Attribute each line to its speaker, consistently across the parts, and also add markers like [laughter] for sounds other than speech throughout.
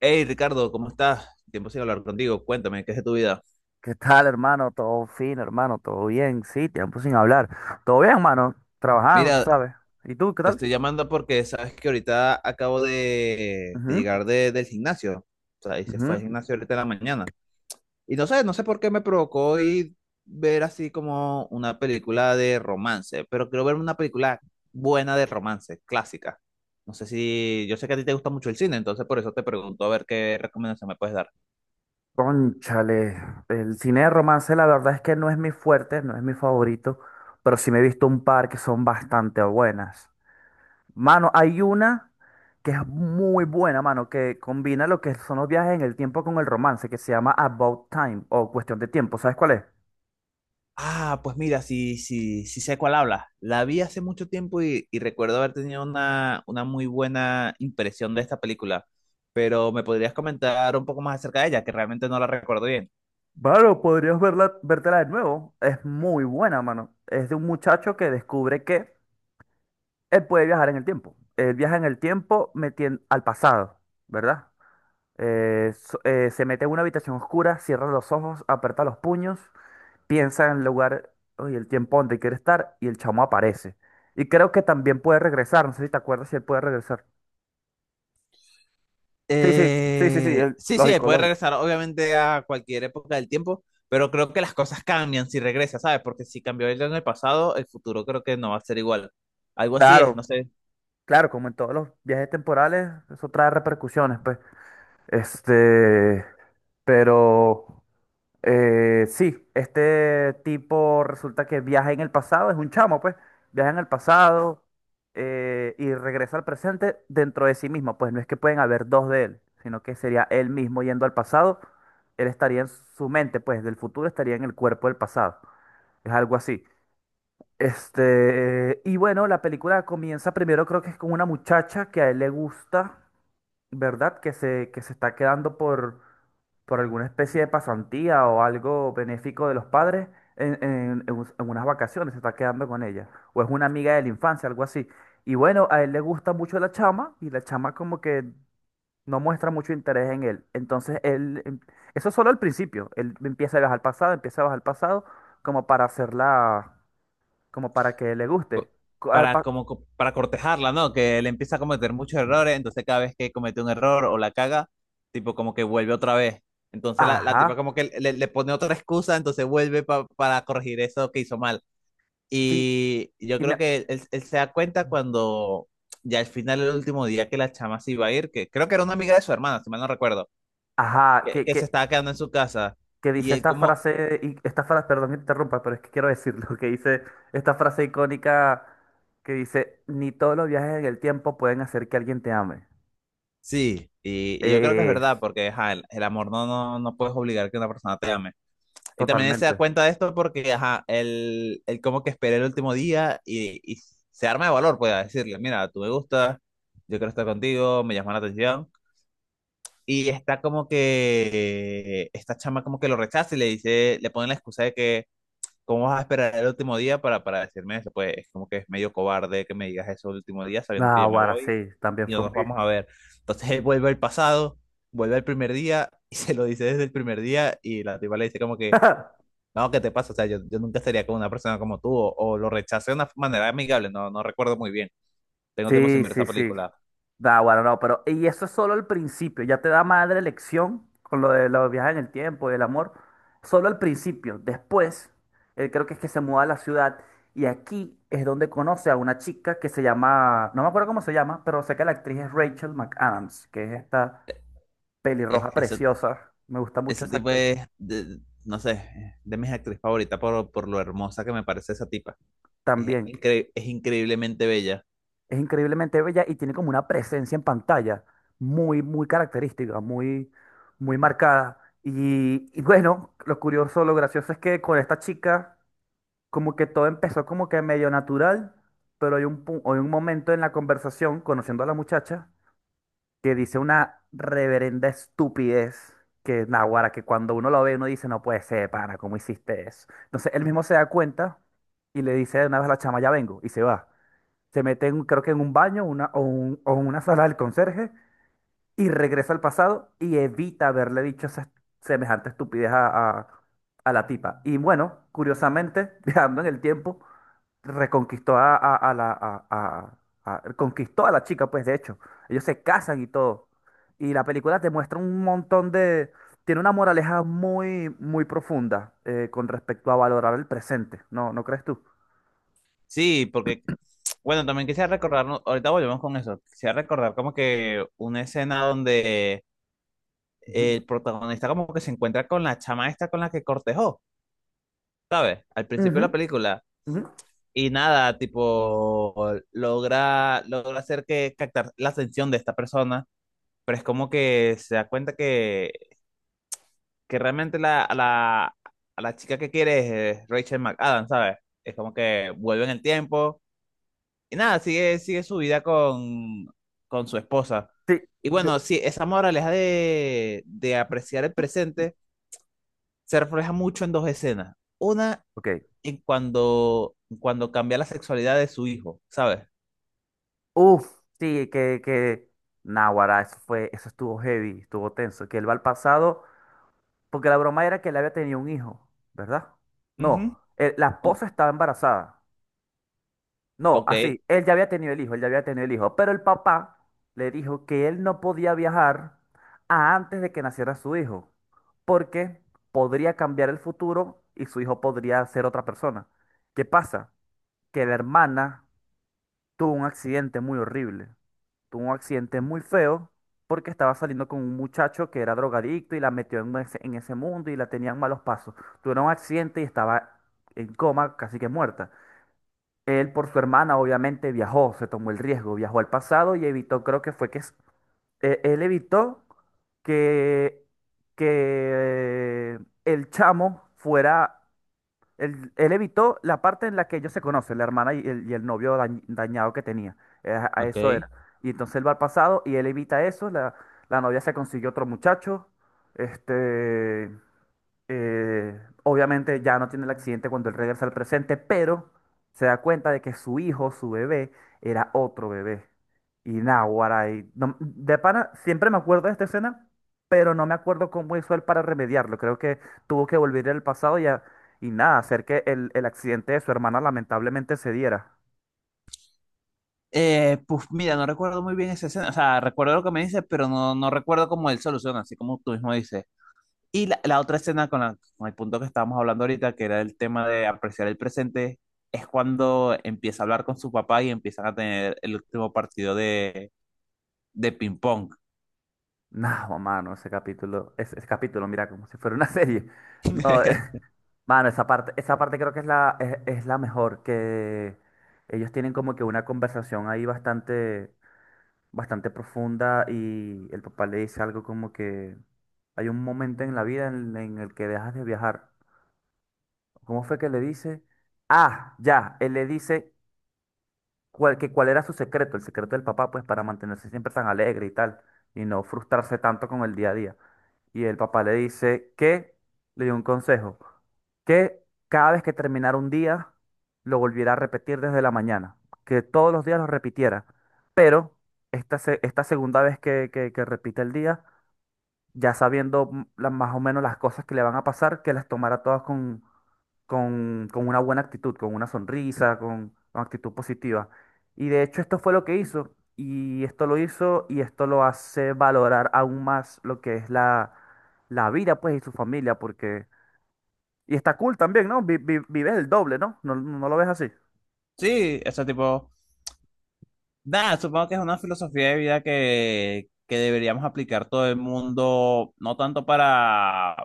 Speaker 1: Hey Ricardo, ¿cómo estás? Tiempo sin hablar contigo. Cuéntame, ¿qué es de tu vida?
Speaker 2: ¿Qué tal, hermano? Todo fino, hermano. Todo bien. Sí, tiempo sin hablar. Todo bien, hermano. Trabajando, tú
Speaker 1: Mira,
Speaker 2: sabes. ¿Y tú, qué
Speaker 1: te
Speaker 2: tal?
Speaker 1: estoy llamando porque sabes que ahorita acabo de
Speaker 2: Ujú,
Speaker 1: llegar del gimnasio. O sea, y se fue al
Speaker 2: ujú.
Speaker 1: gimnasio ahorita en la mañana. Y no sé por qué me provocó ir ver así como una película de romance, pero quiero ver una película buena de romance, clásica. No sé si, yo sé que a ti te gusta mucho el cine, entonces por eso te pregunto a ver qué recomendación me puedes dar.
Speaker 2: Cónchale, el cine de romance la verdad es que no es mi fuerte, no es mi favorito, pero sí me he visto un par que son bastante buenas. Mano, hay una que es muy buena, mano, que combina lo que son los viajes en el tiempo con el romance, que se llama About Time o Cuestión de Tiempo. ¿Sabes cuál es?
Speaker 1: Ah, pues mira, sí, sí, sí sé cuál habla. La vi hace mucho tiempo y recuerdo haber tenido una muy buena impresión de esta película, pero ¿me podrías comentar un poco más acerca de ella, que realmente no la recuerdo bien?
Speaker 2: Claro, podrías verla, vértela de nuevo. Es muy buena, mano. Es de un muchacho que descubre que él puede viajar en el tiempo. Él viaja en el tiempo al pasado, ¿verdad? Se mete en una habitación oscura, cierra los ojos, aprieta los puños, piensa en el lugar y el tiempo donde quiere estar y el chamo aparece. Y creo que también puede regresar. No sé si te acuerdas si él puede regresar. Sí, sí, sí, sí, sí,
Speaker 1: Sí,
Speaker 2: lógico,
Speaker 1: puede
Speaker 2: lógico.
Speaker 1: regresar obviamente a cualquier época del tiempo, pero creo que las cosas cambian si regresa, ¿sabes? Porque si cambió él en el pasado, el futuro creo que no va a ser igual. Algo así es, no
Speaker 2: Claro,
Speaker 1: sé.
Speaker 2: claro, como en todos los viajes temporales, eso trae repercusiones, pues. Este, pero sí, este tipo resulta que viaja en el pasado, es un chamo, pues, viaja en el pasado y regresa al presente dentro de sí mismo, pues no es que pueden haber dos de él, sino que sería él mismo yendo al pasado, él estaría en su mente, pues, del futuro estaría en el cuerpo del pasado, es algo así. Este, y bueno, la película comienza primero creo que es con una muchacha que a él le gusta. ¿Verdad? Que se está quedando por alguna especie de pasantía o algo benéfico de los padres en unas vacaciones, se está quedando con ella. O es una amiga de la infancia, algo así. Y bueno, a él le gusta mucho la chama y la chama como que no muestra mucho interés en él. Entonces eso es solo al principio, él empieza a viajar al pasado, empieza a bajar al pasado como para hacerla, como para que le guste. Co- al
Speaker 1: Para
Speaker 2: pa-
Speaker 1: como para cortejarla, ¿no? Que él empieza a cometer muchos errores, entonces cada vez que comete un error o la caga, tipo como que vuelve otra vez. Entonces la tipa
Speaker 2: Ajá,
Speaker 1: como que le pone otra excusa, entonces vuelve para corregir eso que hizo mal.
Speaker 2: sí,
Speaker 1: Y yo
Speaker 2: y
Speaker 1: creo
Speaker 2: me...
Speaker 1: que él se da cuenta cuando ya al final, el último día que la chama se iba a ir, que creo que era una amiga de su hermana, si mal no recuerdo,
Speaker 2: Ajá, que,
Speaker 1: que
Speaker 2: que
Speaker 1: se estaba quedando en su casa.
Speaker 2: que
Speaker 1: Y
Speaker 2: dice
Speaker 1: él
Speaker 2: esta
Speaker 1: como,
Speaker 2: frase, y- esta frase, perdón que te interrumpa, pero es que quiero decirlo, [laughs] que dice esta frase icónica que dice, ni todos los viajes en el tiempo pueden hacer que alguien te ame.
Speaker 1: sí, y yo creo que es verdad,
Speaker 2: Es
Speaker 1: porque ajá, el amor no puedes obligar que una persona te ame. Y también él se da
Speaker 2: totalmente.
Speaker 1: cuenta de esto porque, ajá, él como que espera el último día y se arma de valor, pues, a decirle, mira, tú me gustas, yo quiero estar contigo, me llama la atención. Y está como que, esta chama como que lo rechaza y le dice, le pone la excusa de que, ¿cómo vas a esperar el último día para decirme eso? Pues es como que es medio cobarde que me digas eso el último día sabiendo que
Speaker 2: Ah,
Speaker 1: yo me
Speaker 2: ahora sí,
Speaker 1: voy
Speaker 2: también
Speaker 1: y no
Speaker 2: fue
Speaker 1: nos
Speaker 2: muy.
Speaker 1: vamos a ver. Entonces él vuelve al pasado, vuelve al primer día y [laughs] se lo dice desde el primer día y la tipa le dice como que
Speaker 2: [laughs]
Speaker 1: no, ¿qué te pasa? O sea, yo nunca estaría con una persona como tú, o lo rechacé de una manera amigable, no recuerdo muy bien. Tengo tiempo sin
Speaker 2: Sí,
Speaker 1: ver esa
Speaker 2: sí, sí.
Speaker 1: película.
Speaker 2: Bueno, no, pero y eso es solo el principio, ya te da madre lección con lo de los viajes en el tiempo y el amor, solo al principio, después, él creo que es que se muda a la ciudad y aquí es donde conoce a una chica que se llama, no me acuerdo cómo se llama, pero sé que la actriz es Rachel McAdams, que es esta
Speaker 1: Es-
Speaker 2: pelirroja
Speaker 1: ese,
Speaker 2: preciosa, me gusta mucho
Speaker 1: ese
Speaker 2: esa
Speaker 1: tipo
Speaker 2: actriz
Speaker 1: es, no sé, de mis actrices favoritas por lo hermosa que me parece esa tipa. Es,
Speaker 2: también,
Speaker 1: es increíblemente bella.
Speaker 2: es increíblemente bella y tiene como una presencia en pantalla muy, muy característica, muy, muy marcada. Y bueno, lo curioso, lo gracioso es que con esta chica, como que todo empezó como que medio natural, pero hay un momento en la conversación, conociendo a la muchacha, que dice una reverenda estupidez. Que naguará, que cuando uno lo ve, uno dice, no puede ser, pana, ¿cómo hiciste eso? Entonces él mismo se da cuenta y le dice de una vez a la chama, ya vengo, y se va, se mete en, creo que en un baño, o en una sala del conserje y regresa al pasado y evita haberle dicho esa semejante estupidez a la tipa. Y bueno, curiosamente, [laughs] viajando en el tiempo, reconquistó a la... a- conquistó a la chica, pues de hecho. Ellos se casan y todo. Y la película te muestra un montón de. Tiene una moraleja muy, muy profunda con respecto a valorar el presente. ¿No, no crees tú?
Speaker 1: Sí, porque, bueno, también quisiera recordar, ¿no? Ahorita volvemos con eso, quisiera recordar como que una escena donde
Speaker 2: Ujú,
Speaker 1: el protagonista como que se encuentra con la chama esta con la que cortejó, ¿sabes? Al principio de la
Speaker 2: ujú,
Speaker 1: película.
Speaker 2: ujú.
Speaker 1: Y nada, tipo, logra hacer que captar la atención de esta persona, pero es como que se da cuenta que realmente a la chica que quiere es Rachel McAdams, ¿sabes? Es como que vuelve en el tiempo y nada, sigue su vida con su esposa.
Speaker 2: Sí,
Speaker 1: Y
Speaker 2: yo-
Speaker 1: bueno, sí, esa moraleja de apreciar el presente se refleja mucho en dos escenas. Una,
Speaker 2: ok.
Speaker 1: en cuando, cuando cambia la sexualidad de su hijo, ¿sabes?
Speaker 2: Uf, sí. Náguara, eso estuvo heavy, estuvo tenso, que él va al pasado, porque la broma era que él había tenido un hijo, ¿verdad? No,
Speaker 1: Ujú.
Speaker 2: la esposa estaba embarazada. No,
Speaker 1: Ok.
Speaker 2: así, él ya había tenido el hijo, él ya había tenido el hijo, pero el papá le dijo que él no podía viajar a antes de que naciera su hijo, porque podría cambiar el futuro y su hijo podría ser otra persona. ¿Qué pasa? Que la hermana tuvo un accidente muy horrible tuvo un accidente muy feo porque estaba saliendo con un muchacho que era drogadicto y la metió en ese mundo y la tenían malos pasos. Tuvieron un accidente y estaba en coma, casi que muerta. Él por su hermana obviamente viajó, se tomó el riesgo, viajó al pasado y evitó, creo que fue que él evitó que, que el chamo fuera él, él evitó la parte en la que ellos se conocen, la hermana y y el novio dañado que tenía. A
Speaker 1: Ok.
Speaker 2: eso era. Y entonces él va al pasado y él evita eso. La novia se consiguió otro muchacho. Este. Eh, Obviamente ya no tiene el accidente cuando él regresa al presente, pero se da cuenta de que su hijo, su bebé, era otro bebé. Y náguara, y de pana, siempre me acuerdo de esta escena, pero no me acuerdo cómo hizo él para remediarlo. Creo que tuvo que volver al pasado y nada, hacer que el accidente de su hermana lamentablemente se diera. [laughs]
Speaker 1: Pues mira, no recuerdo muy bien esa escena. O sea, recuerdo lo que me dices, pero no, no recuerdo cómo él soluciona, así como tú mismo dices. Y la otra escena con, con el punto que estábamos hablando ahorita, que era el tema de apreciar el presente, es cuando empieza a hablar con su papá y empiezan a tener el último partido de ping-pong.
Speaker 2: No, mano, ese capítulo, ese capítulo, mira, como si fuera una serie. No, [laughs]
Speaker 1: [laughs]
Speaker 2: Mano, esa parte creo que es la mejor, que ellos tienen como que una conversación ahí bastante, bastante profunda y el papá le dice algo como que hay un momento en la vida en el que dejas de viajar. ¿Cómo fue que le dice? Ah, ya, él le dice cuál, que cuál era su secreto, el secreto del papá, pues para mantenerse siempre tan alegre y tal, y no frustrarse tanto con el día a día. Y el papá le dice que, le dio un consejo, que cada vez que terminara un día, lo volviera a repetir desde la mañana, que todos los días lo repitiera, pero esta segunda vez que repite el día, ya sabiendo más o menos las cosas que le van a pasar, que las tomara todas con, con una buena actitud, con una sonrisa, con actitud positiva. Y de hecho esto fue lo que hizo, y esto lo hizo, y esto lo hace valorar aún más lo que es la vida, pues, y su familia, porque. Y está cool también, ¿no? Vives el doble, ¿no? ¿No, no lo ves así?
Speaker 1: Sí, ese tipo. Nada, supongo que es una filosofía de vida que deberíamos aplicar todo el mundo, no tanto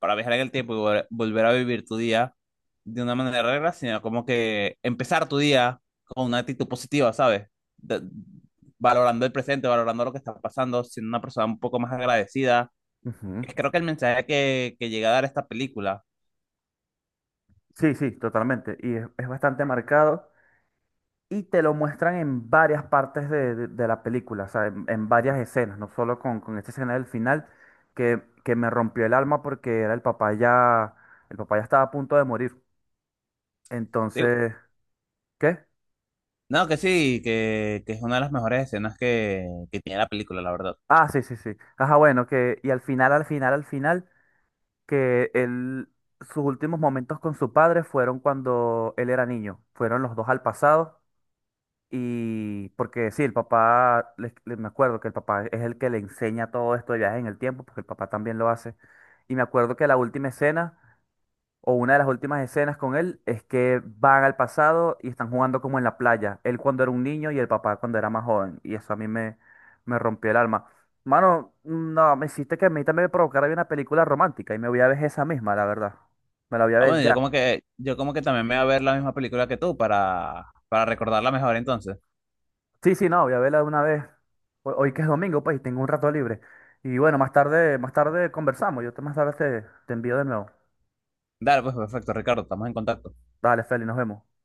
Speaker 1: para viajar en el tiempo y volver a vivir tu día de una manera regla, sino como que empezar tu día con una actitud positiva, ¿sabes? De- valorando el presente, valorando lo que está pasando, siendo una persona un poco más agradecida.
Speaker 2: Ujú.
Speaker 1: Es creo que el mensaje que llega a dar esta película,
Speaker 2: Sí, sí, totalmente. Y es bastante marcado. Y te lo muestran en varias partes de la película, o sea, en varias escenas, no solo con esta escena del final, que me rompió el alma porque era el papá ya estaba a punto de morir.
Speaker 1: digo,
Speaker 2: Entonces, ¿qué?
Speaker 1: no, que sí, que es una de las mejores escenas que tiene la película, la verdad.
Speaker 2: Ah, sí, sí, sí. Ajá, bueno, que, y al final, al final, al final, que él, sus últimos momentos con su padre fueron cuando él era niño, fueron los dos al pasado. Y porque sí, el papá, me acuerdo que el papá es el que le enseña todo esto de viajes en el tiempo, porque el papá también lo hace. Y me acuerdo que la última escena, o una de las últimas escenas con él, es que van al pasado y están jugando como en la playa. Él cuando era un niño y el papá cuando era más joven. Y eso a mí me rompió el alma. Mano, no, me hiciste que a mí también me provocara ver una película romántica y me voy a ver esa misma, la verdad. Me la voy a
Speaker 1: Ah,
Speaker 2: ver
Speaker 1: bueno,
Speaker 2: ya.
Speaker 1: yo como que también me voy a ver la misma película que tú para recordarla mejor entonces.
Speaker 2: Sí, sí, no, voy a verla de una vez. Hoy que es domingo, pues, y tengo un rato libre. Y bueno, más tarde conversamos. Yo te más tarde te envío de nuevo.
Speaker 1: Dale, pues perfecto, Ricardo, estamos en contacto.
Speaker 2: Dale, Feli, nos vemos.